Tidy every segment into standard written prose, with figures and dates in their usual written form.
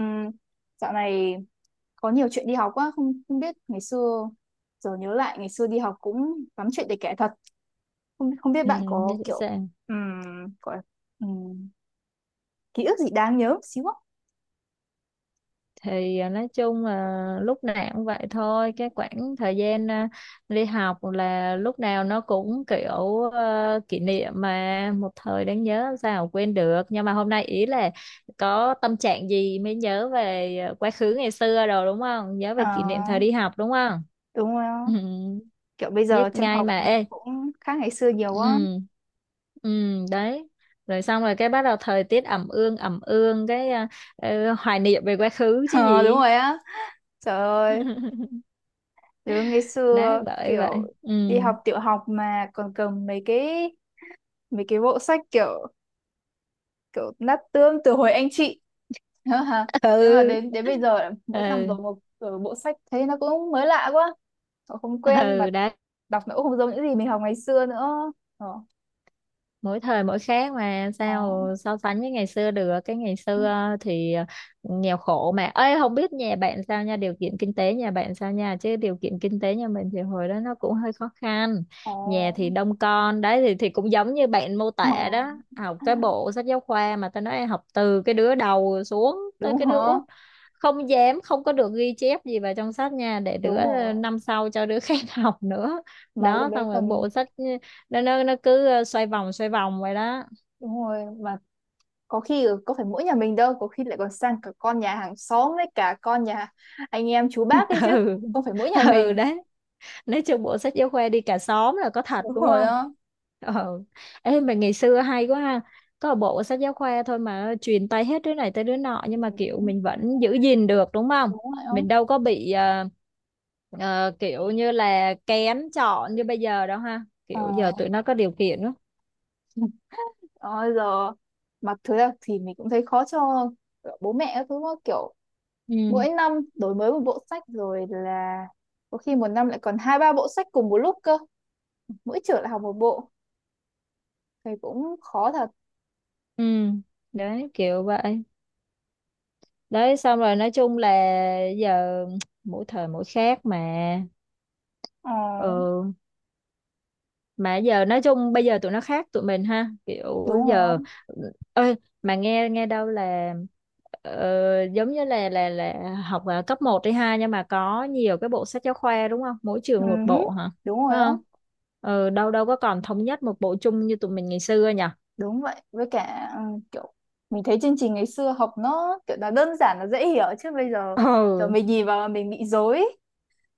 Ừ, dạo này có nhiều chuyện đi học quá. Không không biết ngày xưa giờ nhớ lại ngày xưa đi học cũng lắm chuyện để kể thật. Không không biết Ừ, bạn dạ, có sẵn kiểu sàng. ừm, gọi ừm, ký ức gì đáng nhớ một xíu không? Thì nói chung là lúc nào cũng vậy thôi, cái khoảng thời gian đi học là lúc nào nó cũng kiểu, kỷ niệm mà một thời đáng nhớ, làm sao quên được. Nhưng mà hôm nay ý là có tâm trạng gì mới nhớ về quá khứ ngày xưa rồi đúng không? Nhớ về kỷ niệm thời À, đi học đúng không? đúng rồi á. Ừ, Kiểu bây biết giờ trường ngay học mà. Ê, cũng khác ngày xưa nhiều ừ, quá. ừ đấy. Rồi xong rồi cái bắt đầu thời tiết ẩm ương ẩm ương, cái hoài niệm về quá khứ chứ Ờ, đúng gì. rồi á, trời ơi. Nhớ ngày Đấy, xưa bởi vậy. kiểu đi Ừ, học tiểu học mà còn cầm mấy cái bộ sách kiểu kiểu nát tương từ hồi anh chị. Thế mà ừ, đến đến bây giờ là mỗi năm ừ, rồi một rồi bộ sách thấy nó cũng mới lạ quá, họ không quen mà. ừ. Đấy, Đọc nó cũng không giống những gì mình học ngày xưa nữa. ờ mỗi thời mỗi khác mà, Ờ, sao so sánh với ngày xưa được. Cái ngày xưa thì nghèo khổ mà. Ơi, không biết nhà bạn sao nha, điều kiện kinh tế nhà bạn sao nha, chứ điều kiện kinh tế nhà mình thì hồi đó nó cũng hơi khó khăn. ờ, Nhà thì đông con, đấy thì cũng giống như bạn mô ờ. tả đó, học cái bộ sách giáo khoa mà tao nói, học từ cái đứa đầu xuống tới Đúng cái hả? đứa không dám, không có được ghi chép gì vào trong sách nha, để đứa Đúng rồi năm sau cho đứa khác học nữa. mà lúc Đó đấy xong rồi còn bộ sách, ừ, nó cứ xoay vòng vậy đó. đúng rồi mà có khi có phải mỗi nhà mình đâu, có khi lại còn sang cả con nhà hàng xóm với cả con nhà anh em chú bác ấy chứ, Ừ, không phải mỗi nhà ừ mình. đấy. Nói chung bộ sách giáo khoa đi cả xóm là có thật Đúng đúng rồi không? đó. Ừ. Ê, mà ngày xưa hay quá ha, có một bộ sách giáo khoa thôi mà truyền tay hết đứa này tới đứa nọ, nhưng mà kiểu Ừ, mình vẫn giữ gìn được đúng không? đúng rồi đó. Mình đâu có bị kiểu như là kén chọn như bây giờ đâu ha, Ờ. kiểu giờ tụi nó có điều kiện đó. Rồi giờ mặc thứ là thì mình cũng thấy khó cho bố mẹ các thứ đó, kiểu Ừ, mỗi năm đổi mới một bộ sách rồi là có khi một năm lại còn hai ba bộ sách cùng một lúc cơ, mỗi trường lại học một bộ thì cũng khó thật. ừ đấy kiểu vậy. Đấy xong rồi nói chung là giờ mỗi thời mỗi khác mà. Ờ, Ừ, mà giờ nói chung bây giờ tụi nó khác tụi mình ha, kiểu đúng rồi giờ không? ơi. Mà nghe nghe đâu là giống như là là học ở cấp một hay hai, nhưng mà có nhiều cái bộ sách giáo khoa đúng không, mỗi Ừ, trường một bộ hả? đúng rồi Phải đó. không? Ừ, đâu đâu có còn thống nhất một bộ chung như tụi mình ngày xưa nhỉ? Đúng vậy. Với cả kiểu mình thấy chương trình ngày xưa học nó kiểu là đơn giản là dễ hiểu, chứ bây giờ kiểu Ừ, mình nhìn vào là mình bị rối.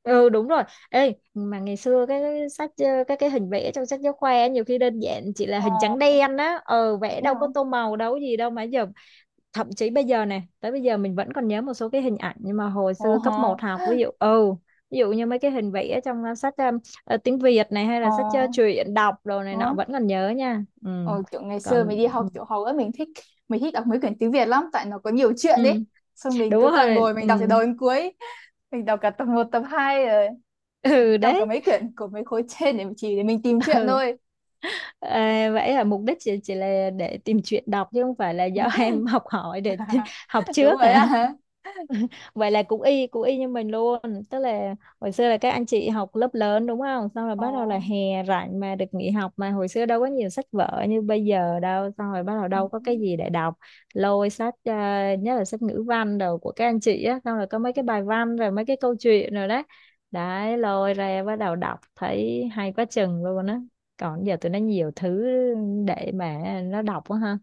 ừ đúng rồi. Ê, mà ngày xưa cái sách cái hình vẽ trong sách giáo khoa ấy, nhiều khi đơn giản chỉ là Ờ, hình trắng đen á. Ờ, vẽ đúng đâu có rồi. tô màu đâu có gì đâu mà giờ thậm chí bây giờ này, tới bây giờ mình vẫn còn nhớ một số cái hình ảnh nhưng mà hồi Ồ xưa cấp một hờ. học, ví dụ ừ, ví dụ như mấy cái hình vẽ trong sách, tiếng Việt này hay Ờ, là sách truyện đọc đồ này ờ, nọ vẫn còn nhớ nha. Ừ, Ờ, kiểu ngày xưa còn mình đi học ừ, tiểu học ấy, mình thích đọc mấy quyển tiếng Việt lắm tại nó có nhiều chuyện ấy. ừ, Xong mình đúng cứ toàn rồi ngồi ừ, mình đọc từ đầu đến cuối, mình đọc cả tập một tập 2 rồi ừ đọc cả đấy, mấy quyển của mấy khối trên để chỉ để mình tìm chuyện ừ. thôi. À, vậy là mục đích chỉ là để tìm chuyện đọc chứ không phải là do em học hỏi để học Đúng trước rồi à? á hả. Vậy là cũng y, cũng y như mình luôn. Tức là hồi xưa là các anh chị học lớp lớn đúng không, xong rồi Ồ. bắt đầu là hè rảnh mà được nghỉ học mà, hồi xưa đâu có nhiều sách vở như bây giờ đâu, xong rồi bắt đầu đâu có cái gì để đọc. Lôi sách nhất là sách ngữ văn đầu của các anh chị á, xong rồi có mấy cái bài văn rồi mấy cái câu chuyện rồi đấy, đấy lôi ra bắt đầu đọc thấy hay quá chừng luôn á. Còn giờ tụi nó nhiều thứ để mà nó đọc quá ha.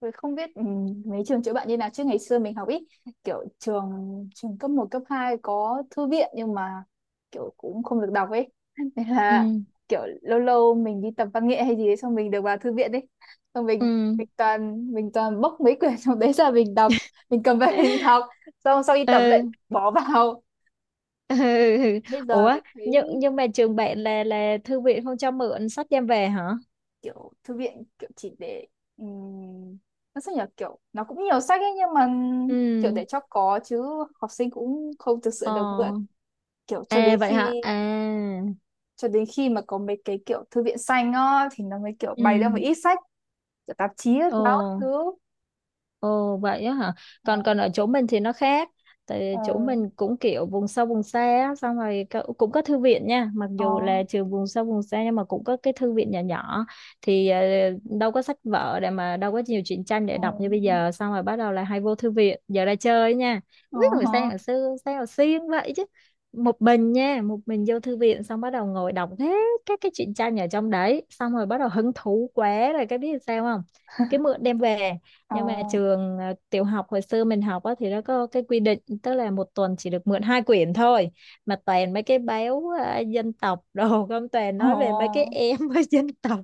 Tôi không biết mấy trường chữa bệnh như nào chứ ngày xưa mình học ít, kiểu trường trường cấp một cấp 2 có thư viện nhưng mà kiểu cũng không được đọc ấy. Nên Ừ, là kiểu lâu lâu mình đi tập văn nghệ hay gì đấy xong mình được vào thư viện đấy, xong ừ, mình mình toàn bốc mấy quyển trong đấy ra mình đọc, mình cầm về mình đọc, xong sau đi tập ừ, lại bỏ vào. Ừ. Bây giờ Ủa, mình thấy nhưng mà trường bạn là thư viện không cho mượn sách đem về hả? kiểu thư viện kiểu chỉ để um, nó sao nhỉ, kiểu nó cũng nhiều sách ấy nhưng mà kiểu để Ừ. cho có chứ học sinh cũng không thực sự Ờ. được mượn, kiểu cho đến À, vậy hả? khi À. cho đến khi mà có mấy cái kiểu thư viện xanh á thì nó mới kiểu Ừ. bày ra một ít sách kiểu tạp chí ấy, báo các Ờ. thứ. Ồ, vậy á hả? Ờ, Còn còn ở chỗ mình thì nó khác. ờ, Tại chỗ mình cũng kiểu vùng sâu vùng xa á, xong rồi có- cũng có thư viện nha, mặc ờ, dù là trường vùng sâu vùng xa nhưng mà cũng có cái thư viện nhỏ nhỏ. Thì đâu có sách vở để mà, đâu có nhiều truyện tranh để ờ, đọc như bây giờ, xong rồi bắt đầu là hay vô thư viện, giờ ra chơi nha. ờ, Không biết hồi sáng hồi xưa sao hồi xiên vậy chứ. Một mình nha, một mình vô thư viện xong bắt đầu ngồi đọc hết các cái truyện tranh ở trong đấy, xong rồi bắt đầu hứng thú quá rồi cái biết sao không? Cái mượn đem về ờ, nhưng mà trường tiểu học hồi xưa mình học á, thì nó có cái quy định tức là một tuần chỉ được mượn hai quyển thôi, mà toàn mấy cái báo dân tộc đồ không, toàn ờ. nói về mấy cái Ờ. em với dân tộc.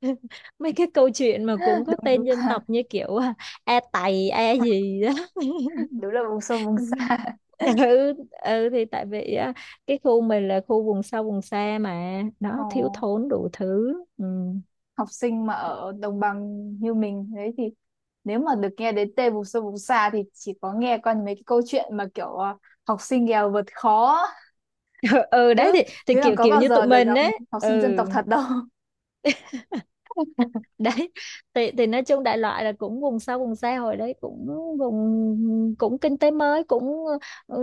Mấy cái câu chuyện mà cũng có đúng tên dân tộc như kiểu a tày a gì đó. đúng là vùng sâu vùng xa. Ừ, ừ thì tại vì á, cái khu mình là khu vùng sâu vùng xa mà ờ nó thiếu thốn đủ thứ. Ừ. Học sinh mà ở đồng bằng như mình đấy thì nếu mà được nghe đến tên vùng sâu vùng xa thì chỉ có nghe qua mấy cái câu chuyện mà kiểu học sinh nghèo vượt khó Ừ đấy chứ, thì chứ làm kiểu có kiểu bao như tụi giờ được mình gặp ấy, học ừ sinh dân tộc thật đâu. đấy. Thì nói chung đại loại là cũng vùng sâu vùng xa, hồi đấy cũng vùng, cũng kinh tế mới, cũng ừ,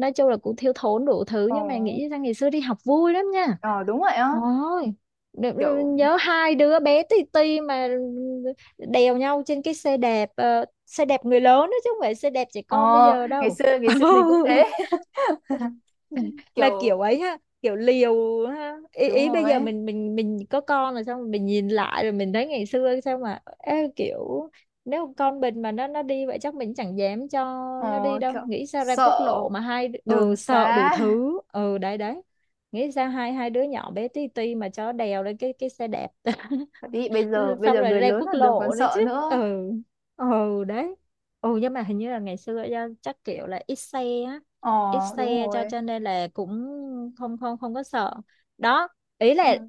nói chung là cũng thiếu thốn đủ thứ, Ờ, nhưng mà nghĩ ra ngày xưa đi học vui lắm nha. ờ, đúng rồi á, Ôi, đ- ừ, kiểu nhớ hai đứa bé tì tì mà đèo nhau trên cái xe đạp, xe đạp người lớn đó, chứ không phải xe đạp trẻ ờ con bây giờ đâu. Ngày xưa mình cũng thế. Mà Kiểu kiểu ấy ha, kiểu liều ha, ý, đúng ý rồi bây giờ ấy. mình có con rồi, xong mình nhìn lại rồi mình thấy ngày xưa sao mà, ê, kiểu nếu con mình mà nó đi vậy chắc mình chẳng dám cho nó đi ờ đâu. Kiểu Nghĩ sao ra sợ quốc lộ mà hai đ- ừ đường sợ đủ xá thứ. Ừ đấy đấy. Nghĩ sao hai hai đứa nhỏ bé tí ti mà cho đèo lên cái xe đạp. thật, đi bây Xong giờ rồi người ra lớn quốc là đường còn lộ nữa sợ chứ. nữa. Ừ, ừ đấy. Ừ nhưng mà hình như là ngày xưa do chắc kiểu là ít xe á, Ờ, ít đúng xe cho rồi, cho nên là cũng không không không có sợ đó. Ý đúng là rồi.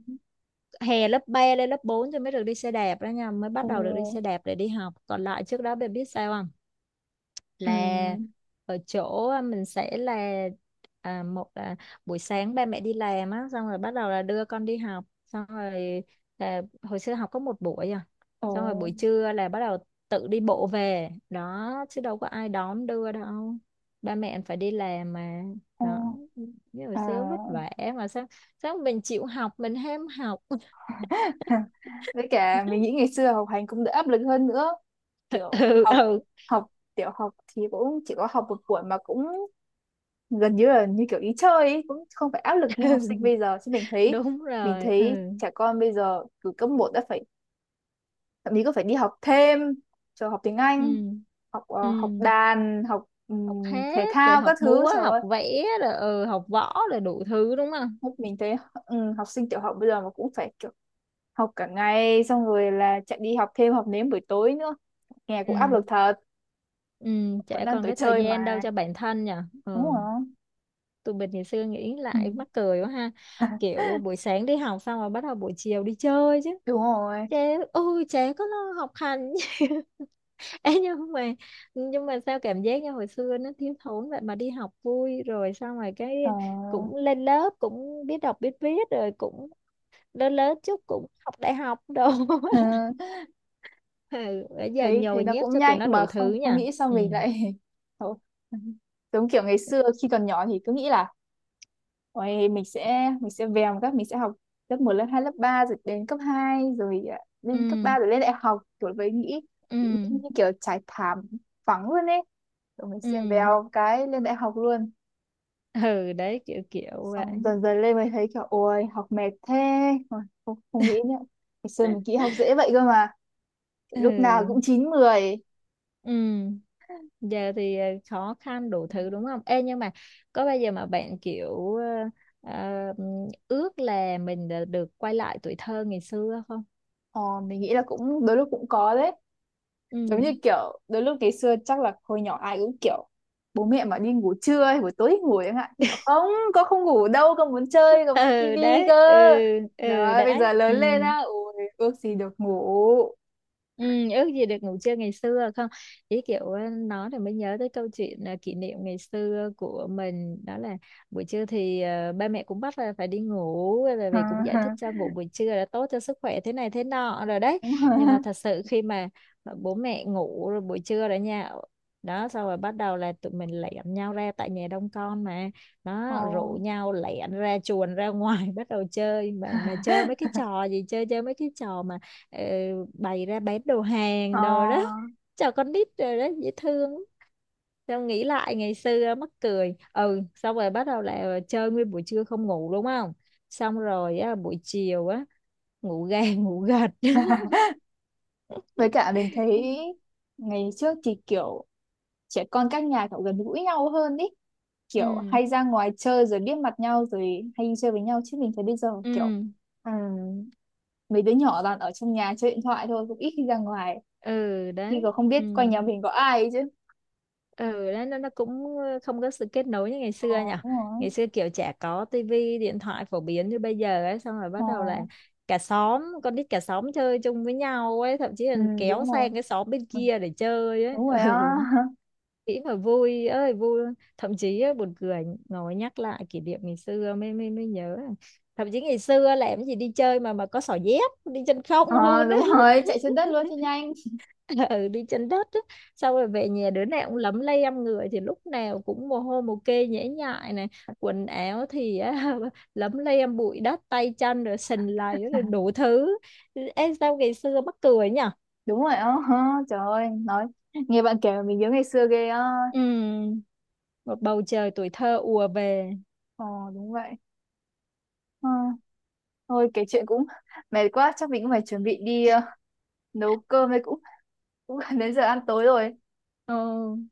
hè lớp 3 lên lớp 4 thì mới được đi xe đạp đó nha, mới bắt Ừ, đầu được đi xe đạp để đi học, còn lại trước đó bạn biết sao ừ, là ở chỗ mình sẽ là một là buổi sáng ba mẹ đi làm á, xong rồi bắt đầu là đưa con đi học, xong rồi là hồi xưa học có một buổi ừ. xong rồi buổi trưa là bắt đầu tự đi bộ về đó chứ đâu có ai đón đưa đâu, ba mẹ phải đi làm mà. Ờ, Đó, như hồi à. xưa vất vả mà sao, sao mình chịu học mình ham học. Với cả mình nghĩ ngày xưa học hành cũng đỡ áp lực hơn nữa, kiểu Ừ, học ừ. học tiểu học thì cũng chỉ có học một buổi mà cũng gần như là như kiểu ý chơi ấy, cũng không phải áp lực như học sinh bây giờ chứ mình thấy Đúng mình rồi. Ừ, thấy trẻ con bây giờ từ cấp một đã phải, thậm chí có phải đi học thêm cho học tiếng ừ, Anh, học ừ, học đàn, học học thể hát rồi thao học các thứ, múa, trời học ơi. vẽ rồi, ừ, học võ rồi đủ thứ đúng không? Lúc mình thấy học sinh tiểu học bây giờ mà cũng phải kiểu học cả ngày xong rồi là chạy đi học thêm học nếm buổi tối nữa, nghe Ừ, cũng áp lực thật. ừ, Vẫn chả đang còn tuổi cái thời chơi gian đâu mà, cho bản thân nhỉ. đúng Ừ, không? tụi mình ngày xưa nghĩ Ừ. lại mắc cười quá ha, kiểu buổi sáng đi học xong rồi bắt đầu buổi chiều đi chơi chứ. Đúng rồi. Chả, ôi chả có lo học hành. Ê, nhưng mà sao cảm giác như hồi xưa nó thiếu thốn vậy mà đi học vui, rồi xong rồi cái Ờ. cũng lên lớp, cũng biết đọc biết viết rồi, cũng lớn lớn chút cũng học đại học đồ. Ừ. Ừ, bây giờ thấy thấy nhồi nó nhét cũng cho tụi nhanh nó mà đủ thứ không không nha. nghĩ sao Ừ. mình lại thôi. Giống kiểu ngày xưa khi còn nhỏ thì cứ nghĩ là ôi, mình sẽ vèo một các mình sẽ học lớp một lớp 2 lớp 3 rồi đến cấp 2 rồi à, lên cấp Ừ, 3 rồi lên đại học kiểu với nghĩ ừ, nghĩ như kiểu trải thảm phẳng luôn ấy, rồi mình sẽ ừ, vèo cái lên đại học luôn. ừ đấy kiểu kiểu vậy. Xong dần dần lên mới thấy kiểu ôi học mệt thế. Ôi, không, không nghĩ nữa, ngày xưa mình nghĩ học dễ vậy cơ mà, Ừ, lúc nào cũng 9 mười. ừ. Giờ thì khó khăn đủ thứ đúng không. Ê nhưng mà có bao giờ mà bạn kiểu ờ, ờ, ước là mình đã được quay lại tuổi thơ ngày xưa không? Ờ, mình nghĩ là cũng đôi lúc cũng có đấy, Ừ, giống như kiểu đôi lúc ngày xưa chắc là hồi nhỏ ai cũng kiểu bố mẹ mà đi ngủ trưa hay buổi tối thì ngủ chẳng hạn nhưng mà không, con không ngủ đâu, con muốn chơi, con muốn xem ừ tivi đấy, cơ. ừ, ừ Đó bây đấy, giờ ừ. lớn lên á, ôi ước gì được ngủ. Ừ, ước gì được ngủ trưa ngày xưa không. Ý kiểu nói thì mới nhớ tới câu chuyện kỷ niệm ngày xưa của mình đó là buổi trưa thì ba mẹ cũng bắt là phải đi ngủ, bởi vì cũng giải thích cho ngủ buổi trưa là tốt cho sức khỏe thế này thế nọ rồi đấy. Đúng Nhưng mà rồi. thật sự khi mà bố mẹ ngủ rồi, buổi trưa rồi nha, đó xong rồi bắt đầu là tụi mình lẻn nhau ra, tại nhà đông con mà, Ờ. đó rủ nhau lẻn ra chuồn ra ngoài bắt đầu chơi mà. Chơi mấy cái trò gì, chơi chơi mấy cái trò mà ờ, bày ra bán đồ Ờ. hàng đồ đó cho con nít rồi đó, dễ thương. Tao nghĩ lại ngày xưa mắc cười, ừ, xong rồi bắt đầu là chơi nguyên buổi trưa không ngủ đúng không, xong rồi á, buổi chiều á ngủ gà ngủ gật. Với cả mình thấy ngày trước thì kiểu trẻ con các nhà kiểu gần gũi nhau hơn ý, kiểu Ừ, hay ra ngoài chơi rồi biết mặt nhau rồi hay đi chơi với nhau, chứ mình thấy bây giờ kiểu ừ, Ừ, mấy đứa nhỏ toàn ở trong nhà chơi điện thoại thôi, cũng ít khi ra ngoài ừ khi đấy, còn không biết ừ, quanh nhà mình có ai ấy chứ. ừ nó cũng không có sự kết nối như ngày Ờ, xưa nhỉ. đúng rồi. Ngày xưa kiểu chả có tivi, điện thoại phổ biến như bây giờ ấy, xong rồi Ờ, bắt đầu là cả xóm con nít, cả xóm chơi chung với nhau ấy, thậm chí là ừ, kéo đúng rồi. sang cái xóm bên Ừ, kia để chơi ấy. đúng rồi á. Ừ, nghĩ mà vui ơi vui luôn. Thậm chí á, buồn cười ngồi nhắc lại kỷ niệm ngày xưa mới mới mới nhớ, thậm chí ngày xưa làm cái gì đi chơi mà có xỏ dép, đi chân không Ờ, luôn á. đúng rồi, chạy trên đất luôn cho nhanh. Ừ, đi trên đất á. Xong rồi về nhà đứa nào cũng lấm lem âm, người thì lúc nào cũng mồ hôi mồ kê nhễ nhại này, quần áo thì á, lấm lem bụi đất, tay chân rồi sình lầy rồi đủ thứ. Ê, sao ngày xưa mắc cười nhỉ. Đúng rồi á. Ờ, trời ơi, nói nghe bạn kể mà mình nhớ ngày xưa ghê á. Ừ, một bầu trời tuổi thơ ùa về. Ờ, đúng vậy. ờ, Thôi kể chuyện cũng mệt quá, chắc mình cũng phải chuẩn bị đi nấu cơm đây, cũng cũng gần đến giờ ăn tối rồi. Ừ,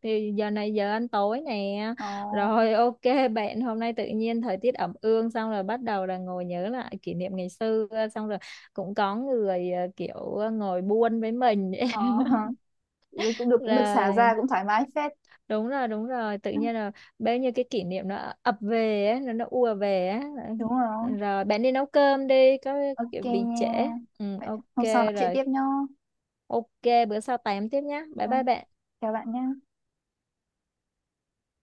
thì giờ này giờ ăn tối nè. Ờ, Rồi, ok. Bạn hôm nay tự nhiên thời tiết ẩm ương, xong rồi bắt đầu là ngồi nhớ lại kỷ niệm ngày xưa, xong rồi cũng có người kiểu ngồi buôn với mình. ờ. Cũng được, cũng được xả Rồi, ra, cũng thoải mái phết. đúng rồi, đúng rồi, tự nhiên là bao nhiêu cái kỷ niệm nó ập về á, nó ùa về á. Đúng rồi. Rồi bạn đi nấu cơm đi, có OK kiểu bị trễ. nha. Ừ, Vậy ok. hôm sau nói chuyện Rồi tiếp nhá. ok, bữa sau tám tiếp nhá, bye bye Vâng, bạn. chào bạn nhá.